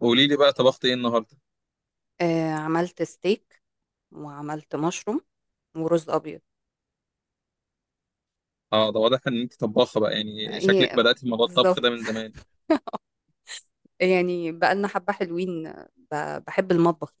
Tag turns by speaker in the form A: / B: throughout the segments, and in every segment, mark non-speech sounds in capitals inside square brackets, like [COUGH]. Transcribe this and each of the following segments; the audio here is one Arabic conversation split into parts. A: قولي لي بقى، طبخت ايه النهارده؟
B: عملت ستيك وعملت مشروم ورز ابيض.
A: اه ده واضح ان انت طباخه بقى، يعني شكلك
B: ايه،
A: بدأتي في موضوع الطبخ
B: بالظبط.
A: ده من زمان.
B: [LAUGHS] يعني بقالنا حبه حلوين، بحب المطبخ.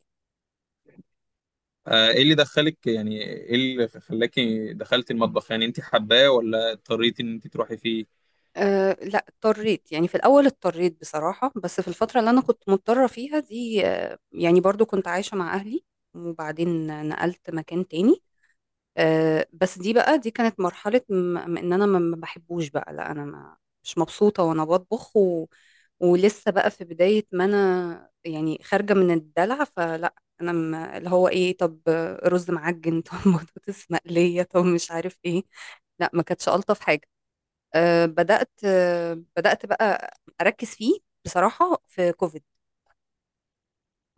A: آه، ايه اللي دخلك؟ يعني ايه اللي خلاكي دخلتي المطبخ؟ يعني انت حباه ولا اضطريتي ان انت تروحي فيه؟
B: أه، لا اضطريت، يعني في الاول اضطريت بصراحه، بس في الفتره اللي انا كنت مضطره فيها دي، يعني برضو كنت عايشه مع اهلي، وبعدين نقلت مكان تاني. بس دي بقى، دي كانت مرحلة ان انا ما بحبوش بقى، لا انا ما مش مبسوطة وانا بطبخ و... ولسه بقى في بداية ما انا، يعني خارجة من الدلع، فلا انا ما اللي هو ايه؟ طب رز معجن [LAUGHS] طب بطاطس مقلية، طب مش عارف ايه، لا ما كانتش ألطف حاجة. أه بدأت، أه بدأت بقى أركز فيه بصراحة في كوفيد.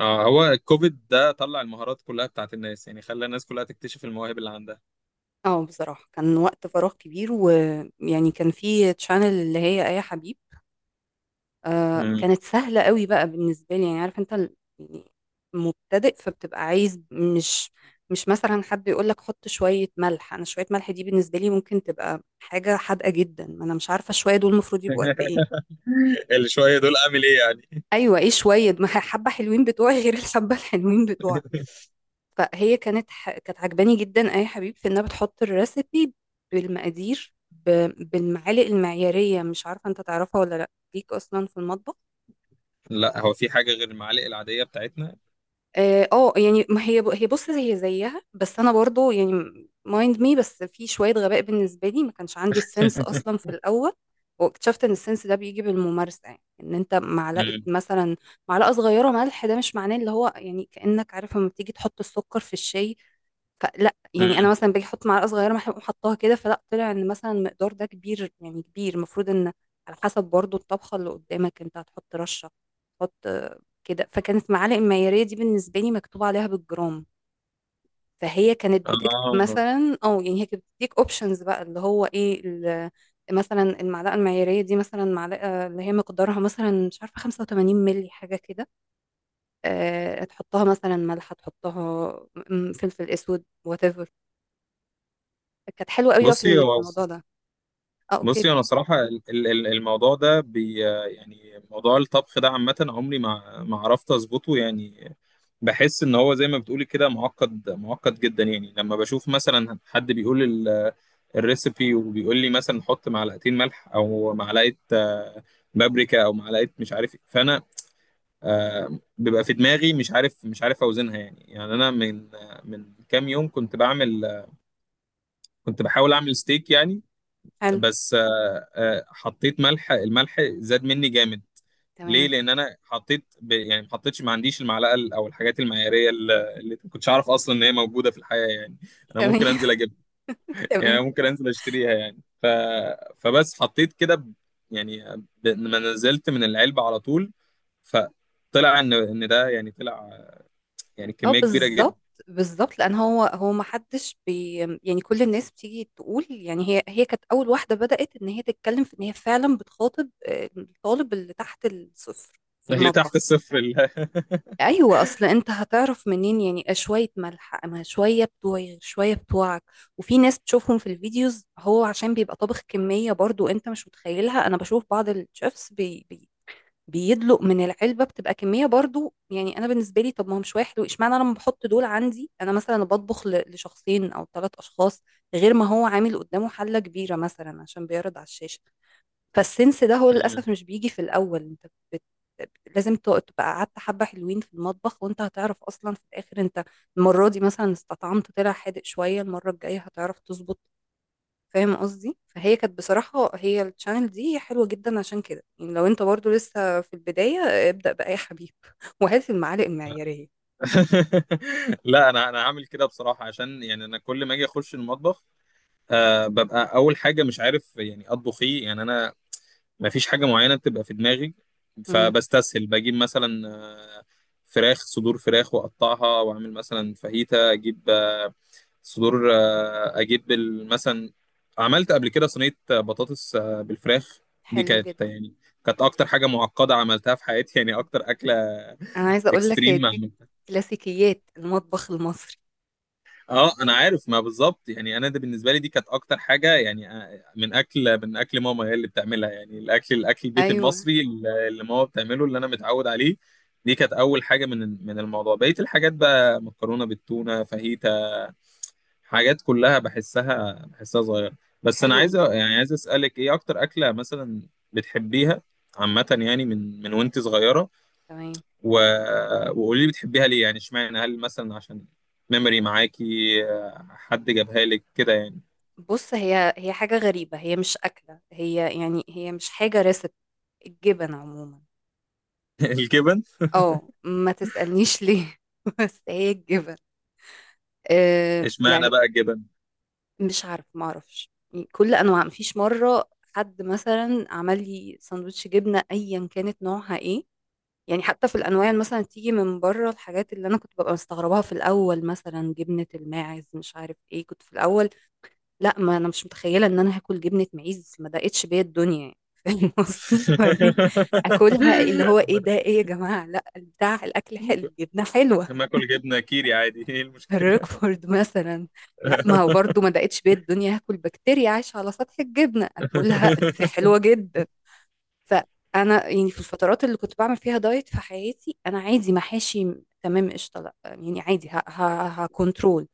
A: اه، هو الكوفيد ده طلع المهارات كلها بتاعت الناس، يعني خلى الناس كلها تكتشف المواهب اللي عندها.
B: اه بصراحة كان وقت فراغ كبير، ويعني كان في تشانل اللي هي آية حبيب. آه
A: مم.
B: كانت سهلة قوي بقى بالنسبة لي، يعني عارف يعني مبتدئ، فبتبقى عايز، مش مش مثلا حد يقول لك حط شوية ملح. انا شوية ملح دي بالنسبة لي ممكن تبقى حاجة حادقة جدا، ما انا مش عارفة شوية دول المفروض يبقوا قد
A: [LAUGHS]
B: ايه.
A: اللي شويه دول اعمل ايه يعني؟
B: ايوه ايه شوية [LAUGHS] ما هي حبة حلوين بتوعي غير الحبة الحلوين بتوعك.
A: [LAUGHS]
B: كانت عجباني جدا اي حبيب في انها بتحط الريسيبي بالمقادير ب... بالمعالق المعيارية. مش عارفة انت تعرفها ولا لا ليك اصلا في المطبخ.
A: لا، هو في حاجه غير المعالق العاديه بتاعتنا؟
B: اه، يعني ما هي هي، بص هي زيها، بس انا برضو يعني مايند مي، بس في شويه غباء بالنسبه لي، ما كانش عندي السنس اصلا
A: [LAUGHS]
B: في الاول. واكتشفت ان السنس ده بيجي بالممارسه. يعني ان انت معلقه
A: مم.
B: مثلا، معلقه صغيره ملح، ده مش معناه اللي هو يعني كانك عارف لما بتيجي تحط السكر في الشاي. فلا يعني انا
A: مم.
B: مثلا باجي احط معلقه صغيره، ما أحب حطاها كده، فلا طلع ان مثلا المقدار ده كبير، يعني كبير. المفروض ان على حسب برضو الطبخه اللي قدامك، انت هتحط رشه، تحط كده. فكانت معالق المعياريه دي بالنسبه لي مكتوب عليها بالجرام. فهي كانت بتكتب
A: اه.
B: مثلا، اه يعني هي كانت بتديك اوبشنز بقى اللي هو ايه مثلا المعلقه المعياريه دي، مثلا معلقه اللي هي مقدارها مثلا مش عارفه 85 مللي حاجه كده، أه تحطها مثلا ملح، تحطها فلفل اسود، whatever. كانت حلوة قوي بقى في
A: بصي
B: في
A: هو
B: الموضوع ده. اه اوكي.
A: بصي انا صراحه الموضوع ده يعني موضوع الطبخ ده عامه، عمري ما عرفت اظبطه يعني. بحس ان هو زي ما بتقولي كده، معقد جدا. يعني لما بشوف مثلا حد بيقول الريسيبي وبيقول لي مثلا حط معلقتين ملح او معلقه بابريكا او معلقه مش عارف إيه، فانا بيبقى في دماغي مش عارف، مش عارف اوزنها يعني. يعني انا من من كام يوم كنت بعمل، كنت بحاول اعمل ستيك يعني.
B: حلو.
A: بس حطيت ملح، الملح زاد مني جامد. ليه؟
B: تمام.
A: لان انا حطيت يعني ما حطيتش، ما عنديش المعلقه او الحاجات المعياريه اللي ما كنتش اعرف اصلا ان هي موجوده في الحياه يعني.
B: [LAUGHS]
A: انا
B: تمام.
A: ممكن انزل اجيبها، يعني
B: تمام.
A: أنا ممكن انزل اشتريها، يعني فبس حطيت كده يعني ما نزلت من العلبه على طول. فطلع ان ده يعني طلع يعني
B: اه
A: كميه كبيره جدا.
B: بالظبط، بالظبط، لان هو هو ما حدش بي، يعني كل الناس بتيجي تقول، يعني هي هي كانت اول واحده بدات ان هي تتكلم في ان هي فعلا بتخاطب الطالب اللي تحت الصفر في
A: اللي تحت
B: المطبخ.
A: الصفر
B: ايوه اصل انت هتعرف منين يعني شويه ملح؟ اما شويه بتوعي شويه بتوعك. وفي ناس بتشوفهم في الفيديوز، هو عشان بيبقى طابخ كميه برضو انت مش متخيلها. انا بشوف بعض الشيفs بيدلق من العلبه، بتبقى كميه برضو. يعني انا بالنسبه لي، طب ما هو مش واحد، واشمعنى انا لما بحط دول عندي، انا مثلا بطبخ لشخصين او ثلاث اشخاص، غير ما هو عامل قدامه حله كبيره مثلا عشان بيعرض على الشاشه. فالسنس ده هو للاسف مش
A: [LAUGHS]
B: بيجي في الاول. انت بت... لازم تبقى قعدت حبه حلوين في المطبخ، وانت هتعرف اصلا في الاخر انت المره دي مثلا استطعمت، طلع حادق شويه، المره الجايه هتعرف تظبط. فاهم قصدي؟ فهي كانت بصراحة، هي الشانل دي حلوة جدا. عشان كده يعني لو انت برضو لسه في البداية، ابدأ بقى يا حبيب [LAUGHS] وهات المعالق المعيارية.
A: لا، انا انا هعمل كده بصراحه، عشان يعني انا كل ما اجي اخش المطبخ، أه، ببقى اول حاجه مش عارف يعني اطبخ ايه. يعني انا ما فيش حاجه معينه بتبقى في دماغي.
B: امم.
A: فبستسهل بجيب مثلا فراخ، صدور فراخ، واقطعها واعمل مثلا فاهيتا. اجيب صدور، اجيب مثلا عملت قبل كده صينيه بطاطس بالفراخ. دي
B: حلو
A: كانت
B: جدا.
A: يعني كانت اكتر حاجه معقده عملتها في حياتي، يعني اكتر اكله
B: انا عايزة اقول لك هي
A: اكستريم.
B: دي كلاسيكيات المطبخ المصري.
A: اه انا عارف، ما بالظبط. يعني انا ده بالنسبه لي دي كانت اكتر حاجه، يعني من اكل، من اكل ماما هي اللي بتعملها، يعني الاكل، الاكل البيت
B: ايوه.
A: المصري اللي ماما بتعمله، اللي انا متعود عليه. دي كانت اول حاجه من الموضوع. بقيه الحاجات بقى مكرونه بالتونه، فاهيتا، حاجات كلها بحسها صغيره. بس انا
B: حلو
A: عايز،
B: جدا.
A: يعني عايز اسالك ايه اكتر اكله مثلا بتحبيها عامه، يعني من وانت صغيره؟
B: تمام.
A: و... وقولي لي بتحبيها ليه، يعني اشمعنى؟ هل مثلا عشان ميموري معاكي، حد جابها لك كده يعني؟
B: بص هي هي حاجة غريبة، هي مش أكلة، هي يعني هي مش حاجة ريسبت، الجبن عموما.
A: [LAUGHS] الجبن؟
B: اه ما تسألنيش ليه [LAUGHS] بس هي الجبن. آه
A: اشمعنى
B: يعني
A: بقى الجبن؟
B: مش عارف، ما اعرفش. يعني كل انواع، مفيش مره حد مثلا عمل لي سندوتش جبنه ايا كانت نوعها ايه. يعني حتى في الانواع اللي مثلا تيجي من بره، الحاجات اللي انا كنت ببقى مستغرباها في الاول، مثلا جبنه الماعز مش عارف ايه، كنت في الاول لا ما انا مش متخيله ان انا هاكل جبنه معيز، ما دقتش بيا الدنيا يعني [LAUGHS] فاهم قصدي؟ وبعدين اكلها اللي هو ايه ده،
A: [LAUGHS]
B: ايه يا جماعه؟ لا بتاع الاكل حلو، الجبنه حلوه.
A: ما اكل جبنه كيري عادي، ايه المشكله؟
B: الريكفورد مثلا، لا ما هو
A: [LAUGHS]
B: برضو ما دقتش بيا الدنيا هاكل بكتيريا عايشة على سطح الجبنة. اكلها دي حلوة جدا. فانا يعني في الفترات اللي كنت بعمل فيها دايت في حياتي، انا عادي محاشي، تمام. قشطة، لا يعني عادي، هكنترول.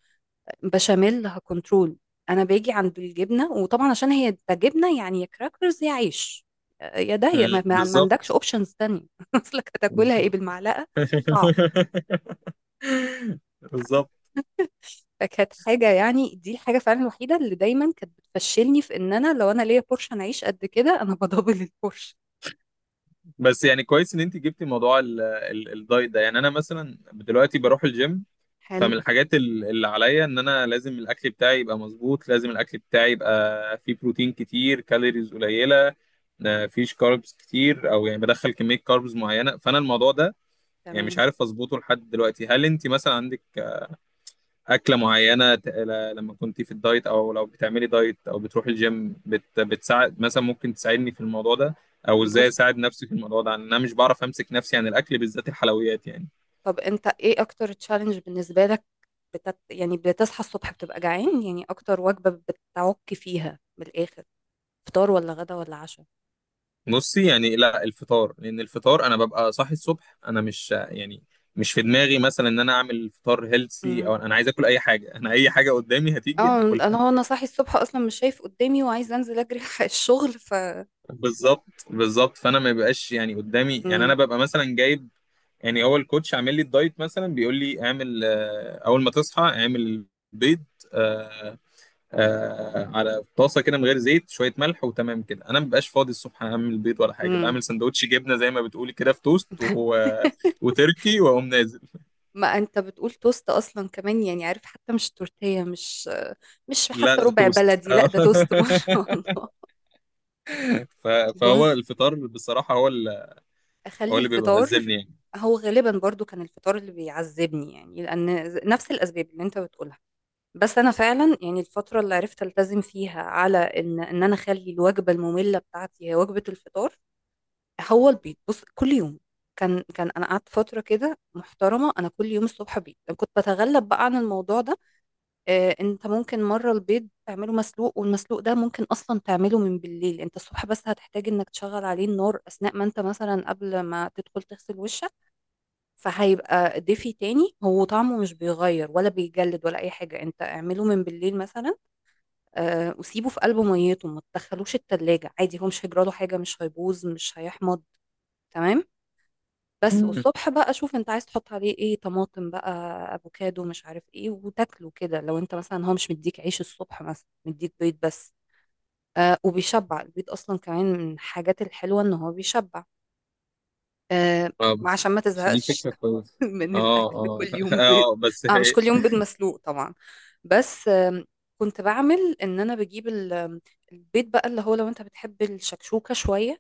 B: بشاميل، هكنترول. انا باجي عند الجبنة، وطبعا عشان هي ده جبنة، يعني يا كراكرز يا عيش يا ده يا، ما عندكش
A: بالظبط،
B: اوبشنز تانية [LAUGHS] اصلك هتاكلها ايه؟
A: بالظبط.
B: بالمعلقة؟ صعب.
A: [LAUGHS] بالظبط.
B: فكانت حاجة يعني، دي الحاجة فعلا الوحيدة اللي دايما كانت بتفشلني، في ان انا لو انا ليا بورشه انا اعيش قد كده، انا بدبل البورشه.
A: بس يعني كويس ان انت جبتي موضوع الدايت ده. يعني انا مثلا دلوقتي بروح الجيم،
B: حلو.
A: فمن الحاجات اللي عليا ان انا لازم الاكل بتاعي يبقى مظبوط، لازم الاكل بتاعي يبقى فيه بروتين كتير، كالوريز قليله، ما فيش كاربز كتير، او يعني بدخل كميه كاربز معينه. فانا الموضوع ده يعني
B: تمام.
A: مش عارف اظبطه لحد دلوقتي. هل انت مثلا عندك اكله معينه لما كنت في الدايت، او لو بتعملي دايت او بتروحي الجيم، بتساعد مثلا؟ ممكن تساعدني في الموضوع ده، او ازاي
B: بص،
A: اساعد نفسي في الموضوع ده؟ عن انا مش بعرف امسك نفسي عن الاكل بالذات الحلويات يعني.
B: طب انت ايه اكتر تشالنج بالنسبة لك؟ بتت... يعني بتصحى الصبح بتبقى جعان؟ يعني اكتر وجبة بتعك فيها بالاخر، فطار ولا غدا ولا عشاء؟
A: بصي، يعني لا، الفطار. لان الفطار انا ببقى صاحي الصبح، انا مش يعني مش في دماغي مثلا ان انا اعمل فطار هيلسي،
B: امم.
A: او انا عايز اكل اي حاجه. انا اي حاجه قدامي هتيجي
B: اه
A: هاكلها.
B: انا هو انا صاحي الصبح اصلا مش شايف قدامي، وعايز انزل اجري [LAUGHS] الحق الشغل ف.
A: [LAUGHS] بالظبط، بالظبط. فانا ما بيبقاش يعني قدامي، يعني انا
B: امم.
A: ببقى مثلا جايب، يعني هو الكوتش عامل لي الدايت مثلا، بيقول لي اعمل اول ما تصحى اعمل بيض على طاسه كده من غير زيت، شويه ملح وتمام كده. انا مبقاش فاضي الصبح اعمل بيض ولا حاجه.
B: امم.
A: بعمل سندوتش جبنه زي ما بتقولي كده في توست
B: [LAUGHS]
A: وتركي واقوم نازل.
B: ما انت بتقول توست اصلا كمان، يعني عارف حتى مش تورتيه، مش مش
A: لا
B: حتى
A: لا
B: ربع
A: توست.
B: بلدي، لا
A: آه.
B: ده توست [LAUGHS] ما شاء الله.
A: [LAUGHS] ف... فهو
B: بص،
A: الفطار بصراحه هو هو
B: اخلي
A: اللي بيبقى
B: الفطار.
A: هزمني يعني.
B: هو غالبا برضو كان الفطار اللي بيعذبني، يعني لان نفس الاسباب اللي انت بتقولها. بس انا فعلا يعني الفتره اللي عرفت التزم فيها على ان ان انا اخلي الوجبه الممله بتاعتي هي وجبه الفطار، هو البيض. بص كل يوم، كان كان انا قعدت فتره كده محترمه، انا كل يوم الصبح بيض. كنت بتغلب بقى عن الموضوع ده. انت ممكن مرة البيض تعمله مسلوق، والمسلوق ده ممكن اصلا تعمله من بالليل. انت الصبح بس هتحتاج انك تشغل عليه النار اثناء ما انت مثلا قبل ما تدخل تغسل وشك، فهيبقى دافي تاني. هو طعمه مش بيغير، ولا بيجلد ولا اي حاجة. انت اعمله من بالليل مثلا، وسيبه في قلب ميته، ما تدخلوش التلاجة عادي، هو مش هيجراله حاجة، مش هيبوظ مش هيحمض. تمام. بس
A: مم.
B: والصبح بقى شوف انت عايز تحط عليه ايه، طماطم بقى، افوكادو، مش عارف ايه، وتاكله كده. لو انت مثلا هو مش مديك عيش الصبح، مثلا مديك بيض بس، آه وبيشبع البيض اصلا كمان. من الحاجات الحلوه ان هو بيشبع، آه،
A: اه بس.
B: عشان ما
A: بس دي
B: تزهقش
A: فكره كويسه.
B: [LAUGHS] من
A: اه،
B: الاكل
A: اه.
B: كل
A: [LAUGHS]
B: يوم بيض.
A: اه بس
B: اه مش كل
A: هي.
B: يوم بيض مسلوق طبعا، بس كنت بعمل ان انا بجيب ال- آم، البيض بقى، اللي هو لو انت بتحب الشكشوكه شويه،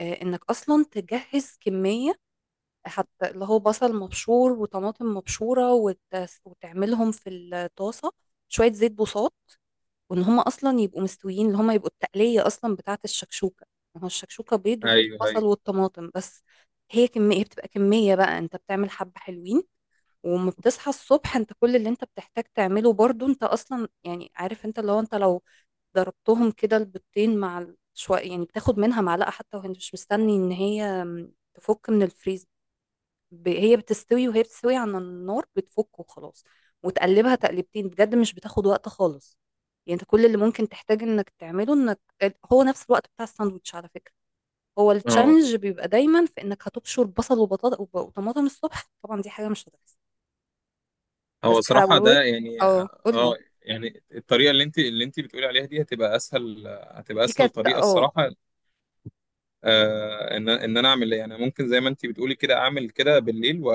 B: آه انك اصلا تجهز كميه، حتى اللي هو بصل مبشور وطماطم مبشورة، وتعملهم في الطاسة شوية زيت بوصات، وان هما اصلا يبقوا مستويين، اللي هما يبقوا التقلية اصلا بتاعة الشكشوكة. ما هو الشكشوكة بيض وفيه
A: ايوه،
B: البصل
A: ايوه.
B: والطماطم بس. هي كمية بتبقى كمية بقى انت بتعمل حبة حلوين، وما بتصحى الصبح انت كل اللي انت بتحتاج تعمله، برضو انت اصلا يعني عارف انت لو انت لو ضربتهم كده البيضتين مع شوية، يعني بتاخد منها معلقة حتى وانت مش مستني ان هي تفك من الفريزر، ب... هي بتستوي، وهي بتستوي على النار بتفك وخلاص، وتقلبها تقلبتين بجد، مش بتاخد وقت خالص. يعني انت كل اللي ممكن تحتاج انك تعمله انك، هو نفس الوقت بتاع الساندوتش على فكرة. هو
A: اه،
B: التشالنج بيبقى دايما في انك هتبشر بصل وبطاطا وطماطم الصبح، طبعا دي حاجة مش هتحصل. بس
A: هو صراحه
B: حلاوة.
A: ده يعني،
B: اه قولي.
A: اه، يعني الطريقه اللي انت بتقولي عليها دي هتبقى اسهل، هتبقى
B: دي
A: اسهل
B: كانت
A: طريقه
B: اه
A: الصراحه. ان انا اعمل إيه؟ يعني ممكن زي ما انت بتقولي كده، اعمل كده بالليل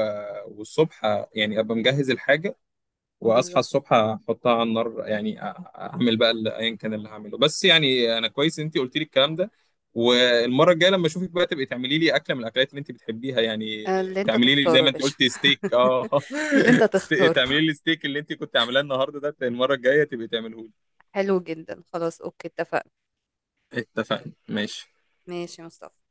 A: والصبح يعني ابقى مجهز الحاجه، واصحى
B: بالظبط.
A: الصبح احطها على النار. يعني، اعمل بقى ايا كان اللي هعمله. بس يعني انا كويس انت قلت لي الكلام ده. والمره الجايه لما اشوفك بقى، تبقي تعملي لي اكله من الاكلات اللي انت بتحبيها يعني.
B: اللي انت
A: تعملي لي زي
B: تختاره يا
A: ما انت
B: باشا
A: قلت ستيك، اه.
B: [LAUGHS] اللي انت
A: [LAUGHS]
B: تختاره.
A: تعملي لي ستيك اللي انت كنت عاملاه النهارده ده، المره الجايه تبقي تعمله لي.
B: حلو جدا خلاص، اوكي اتفقنا.
A: اتفقنا، ماشي.
B: ماشي يا مصطفى.